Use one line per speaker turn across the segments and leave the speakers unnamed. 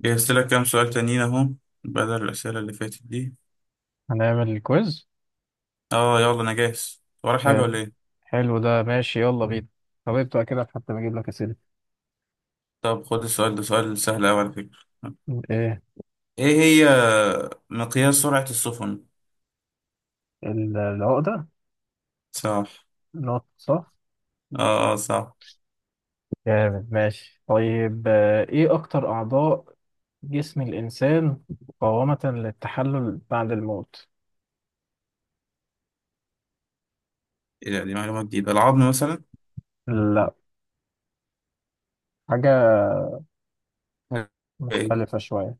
جهزت لك كام سؤال تانيين اهو، بدل الأسئلة اللي فاتت دي.
هنعمل الكويز.
اه، يلا انا جاهز، ورا حاجة
حلو.
ولا ايه؟
حلو، ده ماشي، يلا بينا. طب ابدأ كده حتى بجيب لك أسئلة.
طب خد السؤال ده، سؤال سهل أوي على فكرة.
ايه؟
ايه هي؟ مقياس سرعة السفن؟
العقدة.
صح.
نقط صح.
اه، اه، صح.
جامد، ماشي، طيب. ايه أكتر أعضاء جسم الإنسان مقاومة للتحلل بعد الموت؟
ايه ده، دي معلومة جديدة، العظم مثلا؟
لا، حاجة
ايه،
مختلفة شوية.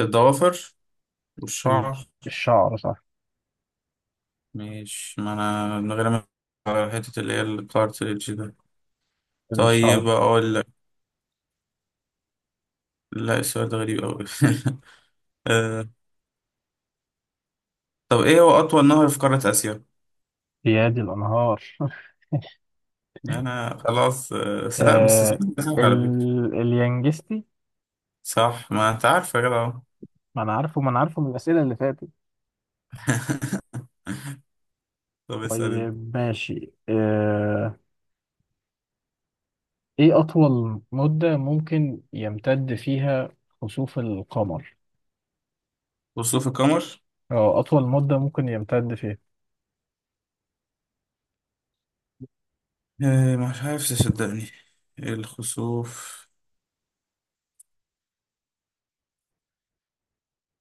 الضوافر والشعر.
الشعر صح.
مش، ما انا من غير ما على حتة اللي هي الكارتريدج ده. طيب
الشعر.
اقول لك، لا السؤال ده غريب أوي. آه. طب ايه هو أطول نهر في قارة آسيا؟
بيادي الأنهار
انا خلاص بس لا بس
آه
السؤال ده سهل على فكرة.
اليانجستي.
صح، ما انت عارف يا جدع أهو.
ما أنا عارفه، ما أنا عارفه من الأسئلة اللي فاتت.
طب اسأل انت.
طيب، ماشي. ايه اطول مدة ممكن يمتد فيها خسوف القمر؟
خسوف القمر.
أو اطول مدة ممكن يمتد فيها.
مش عارف تصدقني الخسوف،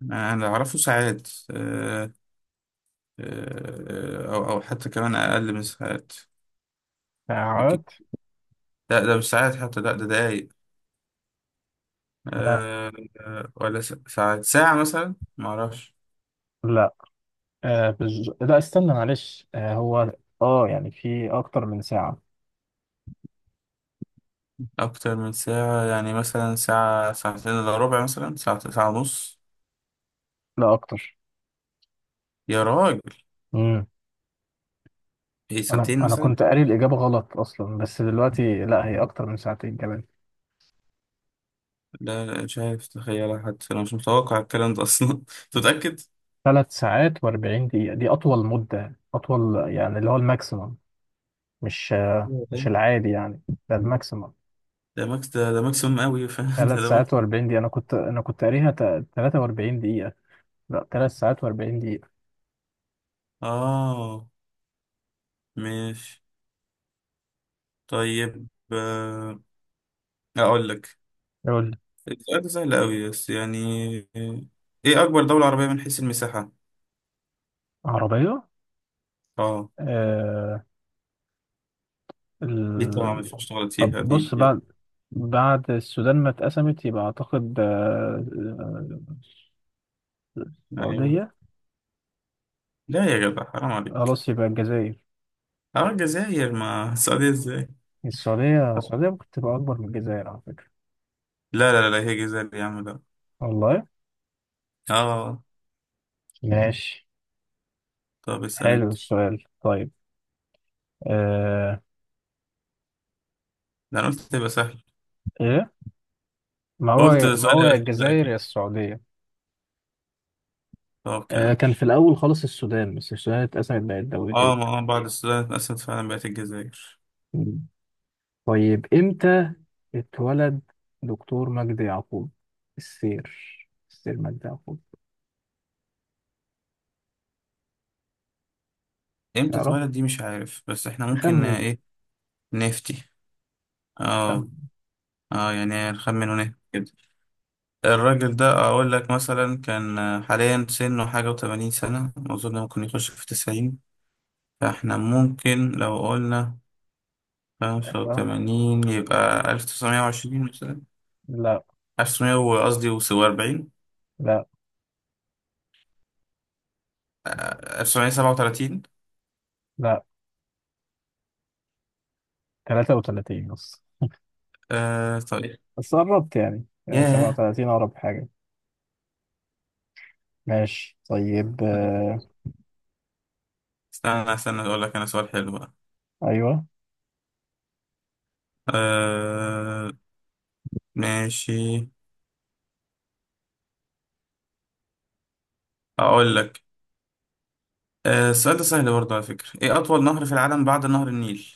انا اعرفه ساعات او حتى كمان اقل من ساعات. اكيد.
ساعات.
لا ده مش ساعات حتى، لا ده دقايق.
آه
آه، ولا ساعات، ساعة مثلا ما اعرفش.
لا. لا، استنى، معلش. هو اه يعني في اكتر من ساعة.
اكتر من ساعة، يعني مثلا ساعة، ساعتين الا ربع، مثلا ساعة، ساعة ونص.
لا، اكتر.
يا راجل!
امم
ايه،
انا
ساعتين
انا
مثلا.
كنت قاري الاجابة غلط اصلا، بس دلوقتي لا، هي اكتر من ساعتين كمان.
لا، لا، مش عارف تخيلها حتى، انا مش متوقع الكلام ده اصلا. انت متأكد؟
ثلاث ساعات و40 دقيقة، دي اطول مدة، اطول يعني، اللي هو الماكسيمم. مش
أيوة.
العادي يعني. ده الماكسيمم.
ده ماكس، ده ماكسيموم قوي. فاهم، ده
ثلاث
ده ماكس.
ساعات و40 دقيقة. أنا كنت قاريها 43 دقيقة. لا، ثلاث ساعات و40 دقيقة.
اه ماشي طيب اقول لك.
يقول لي.
السؤال ده سهل قوي بس يعني، ايه اكبر دولة عربية من حيث المساحة؟
عربية.
اه،
آه
دي طبعا ما
ال...
ينفعش تغلط
طب
فيها دي,
بص،
دي.
بعد السودان ما اتقسمت يبقى أعتقد آه،
ايوه.
السعودية.
لا يا جدع، حرام عليك.
خلاص، يبقى الجزائر.
اه، الجزائر ما السعودية ازاي!
السعودية ممكن تبقى أكبر من الجزائر على فكرة.
لا، لا، لا، هي جزائر يا عم، لا.
والله.
اه.
ماشي.
طب اسأل
حلو
انت.
السؤال. طيب. آه...
ده انا قلت تبقى سهل.
إيه؟ ما
قلت
هو، ما
سؤال
هو يا
الأخير
الجزائر يا
أكيد.
السعودية.
طب كمل.
كان في الأول خالص السودان، بس السودان اتقسمت بقت
اه، ما
دولتين.
بعد السودان اتقسمت فعلا، بقت الجزائر.
مم. طيب، إمتى اتولد دكتور مجدي يعقوب؟ السير السير مجدي يعقوب.
امتى
تعرف؟
اتولد؟ دي مش عارف، بس احنا ممكن
خمن.
ايه، نفتي. اه.
خمن.
اه، يعني نخمن ونهبط كده. الراجل ده اقول لك مثلا كان حاليا سنه حاجة وتمانين سنة اظن، ممكن يخش في تسعين. فاحنا ممكن لو قلنا خمسة
آه،
وتمانين، يبقى ألف تسعمية وعشرين مثلا.
لا،
ألف تسعمية، قصدي وأربعين.
لا،
ألف تسعمية سبعة وتلاتين.
لا، 33 بس.
آه طيب.
بس قربت يعني،
ياه.
37 أقرب حاجة. ماشي، طيب.
استنى استنى، اقول لك انا سؤال حلو بقى.
أيوه.
آه، ماشي، اقول لك. السؤال ده سهل برضه على فكرة، ايه اطول نهر في العالم بعد نهر النيل؟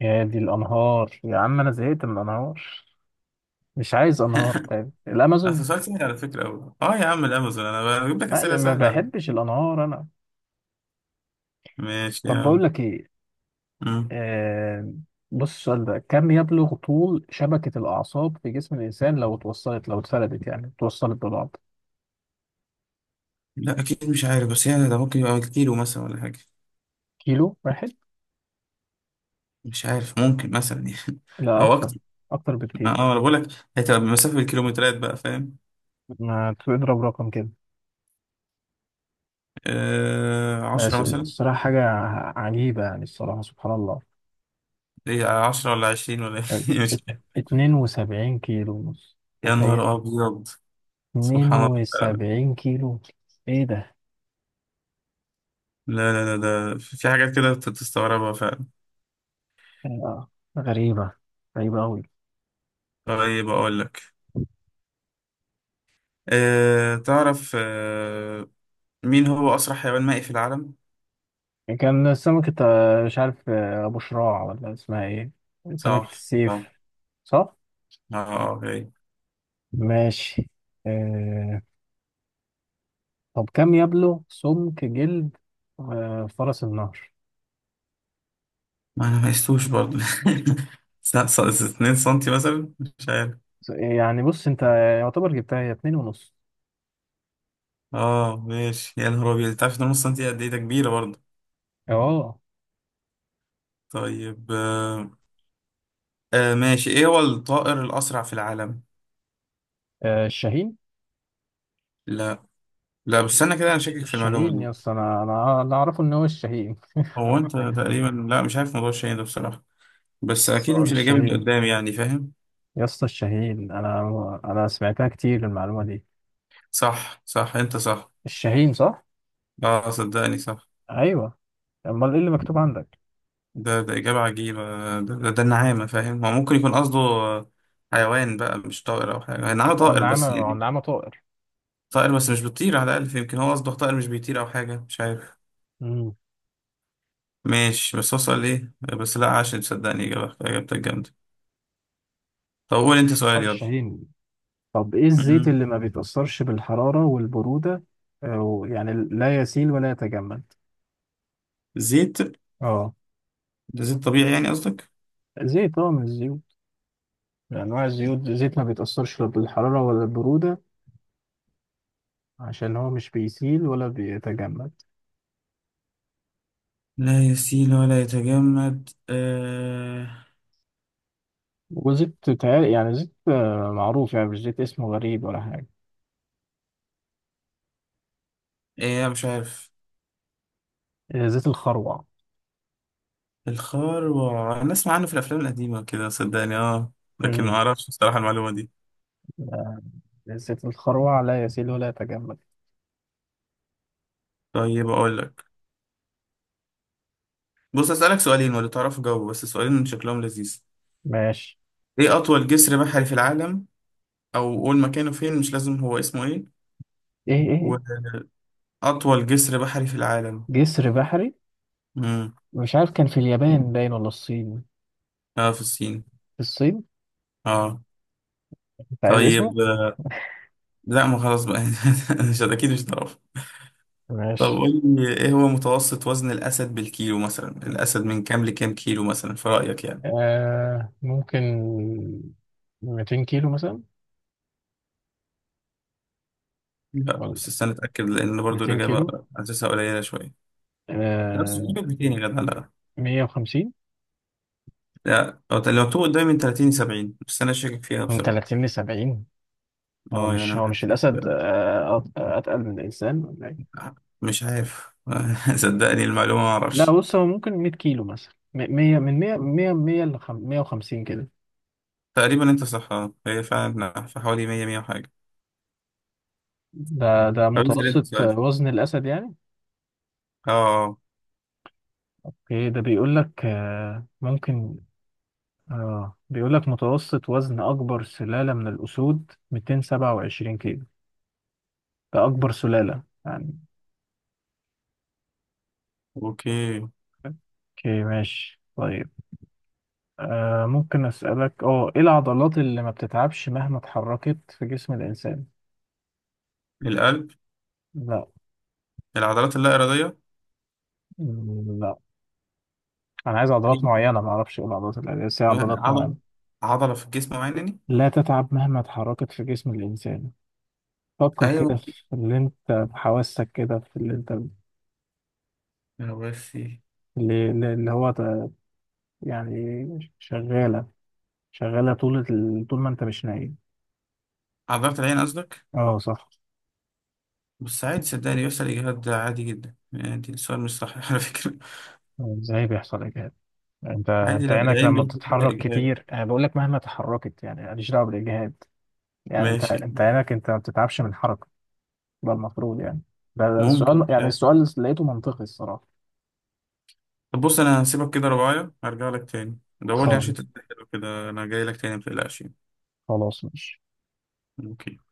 يا دي الأنهار يا عم، أنا زهقت من الأنهار. مش عايز أنهار تاني.
اصل
الأمازون.
سؤال سهل على فكرة أوي. اه يا عم، الامازون. انا بجيب لك
لا،
اسئلة
ما
سهلة على فكرة.
بحبش الأنهار أنا.
ماشي يا
طب
عم.
بقول لك ايه.
مم.
آه، بص، السؤال ده كم يبلغ طول شبكة الأعصاب في جسم الإنسان لو اتوصلت، لو اتفردت يعني، اتوصلت ببعض؟
لا اكيد مش عارف، بس يعني ده ممكن يبقى كيلو مثلا ولا حاجة.
كيلو واحد؟
مش عارف، ممكن مثلا يعني.
لا،
او اكتر.
أكتر. أكتر بكتير.
اه، انا بقول لك هتبقى بمسافة الكيلومترات بقى، فاهم.
ما تضرب رقم كده.
آه، عشرة مثلا.
الصراحة حاجة عجيبة يعني، الصراحة سبحان الله.
ايه، عشرة ولا عشرين ولا؟
بس
إيه؟
ات-
مش عارف.
72 كيلو ونص.
يا
تخيل.
نهار ابيض! سبحان الله فعلا.
72 كيلو. إيه ده.
لا، لا، لا، ده في حاجات كده بتستغربها فعلا.
آه، غريبة، غريبة أوي.
طيب أقول لك، تعرف مين هو أسرع حيوان مائي في العالم؟
يعني كان سمكة، مش عارف، أبو شراع ولا اسمها إيه. سمكة
صح، صح.
السيف، صح؟
اه، اوكي.
ماشي. آه... طب كم يبلغ سمك جلد فرس النهر؟
ما أنا ما قستوش برضه. 2 سنتي مثلا، مش عارف.
يعني بص أنت، يعتبر جبتها، هي اتنين ونص.
اه، ماشي. يا نهار أبيض، أنت عارف إن نص سنتي قد إيه؟ ده كبيرة برضه.
أه.
طيب أه آه، ماشي، إيه هو الطائر الأسرع في العالم؟
الشاهين.
لا. لا بس أنا كده، أنا شاكك في المعلومة
الشاهين
دي.
يا اسطى، أنا أعرفه إن هو الشاهين.
هو أنت تقريبا، لا مش عارف موضوع الشاي ده بصراحة. بس اكيد
صقر
مش الاجابه اللي
الشاهين.
قدام، يعني فاهم.
يا اسطى، الشاهين. أنا سمعتها كتير المعلومة دي.
صح، صح، انت صح.
الشاهين، صح؟
اه صدقني، صح.
أيوه. أمال إيه اللي مكتوب عندك؟
ده اجابه عجيبه. ده، ده النعامه، فاهم. هو ممكن يكون قصده حيوان بقى مش طائر او حاجه، النعامه
ما هو
طائر بس
النعامة ما هو
يعني.
النعامة طائر.
طائر بس مش بتطير على الاقل، يمكن هو قصده طائر مش بيطير او حاجه، مش عارف.
مم.
ماشي، بس هو سؤال ايه؟ بس لا عشان تصدقني، اجابتك جامده. طب قول انت سؤال،
طائر
يلا.
الشاهين. طب ايه الزيت
مم.
اللي ما بيتأثرش بالحرارة والبرودة؟ أو يعني لا يسيل ولا يتجمد.
زيت؟
اه.
ده زيت طبيعي يعني قصدك؟
زيت. اه من الزيوت، من انواع الزيوت، زيت ما بيتأثرش لا بالحرارة ولا البرودة عشان هو مش بيسيل ولا بيتجمد.
لا يسيل ولا يتجمد.
يعني زيت معروف يعني، مش زيت اسمه غريب ولا حاجة.
ايه، مش عارف.
زيت الخروع.
الخروع، انا اسمع عنه في الافلام القديمه كده صدقني، اه. لكن ما
امم
اعرفش بصراحه المعلومه دي.
زيت الخروع لا يسيل ولا يتجمد.
طيب اقول لك، بص اسالك سؤالين، ولا تعرف جاوب، بس سؤالين شكلهم لذيذ.
ماشي.
ايه اطول جسر بحري في العالم؟ او قول مكانه فين، مش لازم هو اسمه ايه.
ايه إيه؟
واطول جسر بحري في العالم.
جسر بحري.
امم.
مش عارف، كان في اليابان باين ولا الصين.
اه، في الصين.
في الصين.
اه.
انت عايز اسمه؟
طيب لا ما خلاص بقى. مش اكيد مش تعرف. طب
ماشي.
قول لي، ايه هو متوسط وزن الاسد بالكيلو؟ مثلا الاسد من كام لكام كيلو مثلا في رايك يعني؟
ممكن 200 كيلو مثلا،
لا
ولا
بس استنى اتاكد، لان برضو
200
الاجابه
كيلو.
حاسسها قليله شويه. لا بس
آه.
بيجيبك 200 يا جدع، لا.
150.
لا، أو لو تو قدامي من 30 ل 70، بس انا شاكك فيها
من
بصراحه.
30 ل 70. هو
اه يعني
مش
أنا
هو مش الأسد
حاسس-.
أتقل من الإنسان، ولا إيه؟
مش عارف، صدقني المعلومه ما
لا،
اعرفش.
بص، هو ممكن 100 كيلو مثلا، 100، من 100، 100، 100 ل 150 كده.
تقريبا انت صح آه. هي فعلا في حوالي 100 100 وحاجه.
ده
طب اسال انت
متوسط
سؤال.
وزن الأسد يعني.
اه آه.
أوكي، ده بيقول لك. ممكن. اه بيقول لك متوسط وزن اكبر سلالة من الاسود 227 كيلو، ده اكبر سلالة يعني.
اوكي.
اوكي، ماشي، طيب. ممكن اسالك، اه ايه العضلات اللي ما بتتعبش مهما اتحركت في جسم الانسان؟
القلب.
لا.
العضلات اللا اراديه.
مم، لا. انا عايز عضلات
أيوة.
معينة، ما اعرفش ايه العضلات اللي، بس هي عضلات
عضله
معينة
عضله في الجسم معينه يعني.
لا تتعب مهما اتحركت في جسم الانسان. فكر كده
ايوه.
في اللي انت بحواسك كده، في اللي انت
يا ربي.
اللي يعني شغالة، شغالة طول طول ما انت مش نايم.
عضلات العين قصدك؟
اه، صح.
بس عادي، صدقني يحصل إجهاد، ده عادي جدا يعني، دي السؤال مش صح على فكرة.
ازاي بيحصل اجهاد؟ انت
عادي،
انت
لا
عينك
العين
لما
بيحصل فيها
بتتحرك
إجهاد.
كتير، انا بقول لك مهما تحركت يعني، ماليش دعوه بالاجهاد. يعني انت
ماشي.
انت عينك، انت ما بتتعبش من الحركه. ده المفروض يعني. ده
ممكن،
السؤال،
مش
يعني
عارف.
السؤال لقيته منطقي الصراحه.
طب بص، أنا هسيبك كده رباية، هرجع لك تاني. دور لي عشان
خالص.
تتأكد كده، أنا جاي لك تاني متقلقش يعني.
خلاص، ماشي.
أوكي.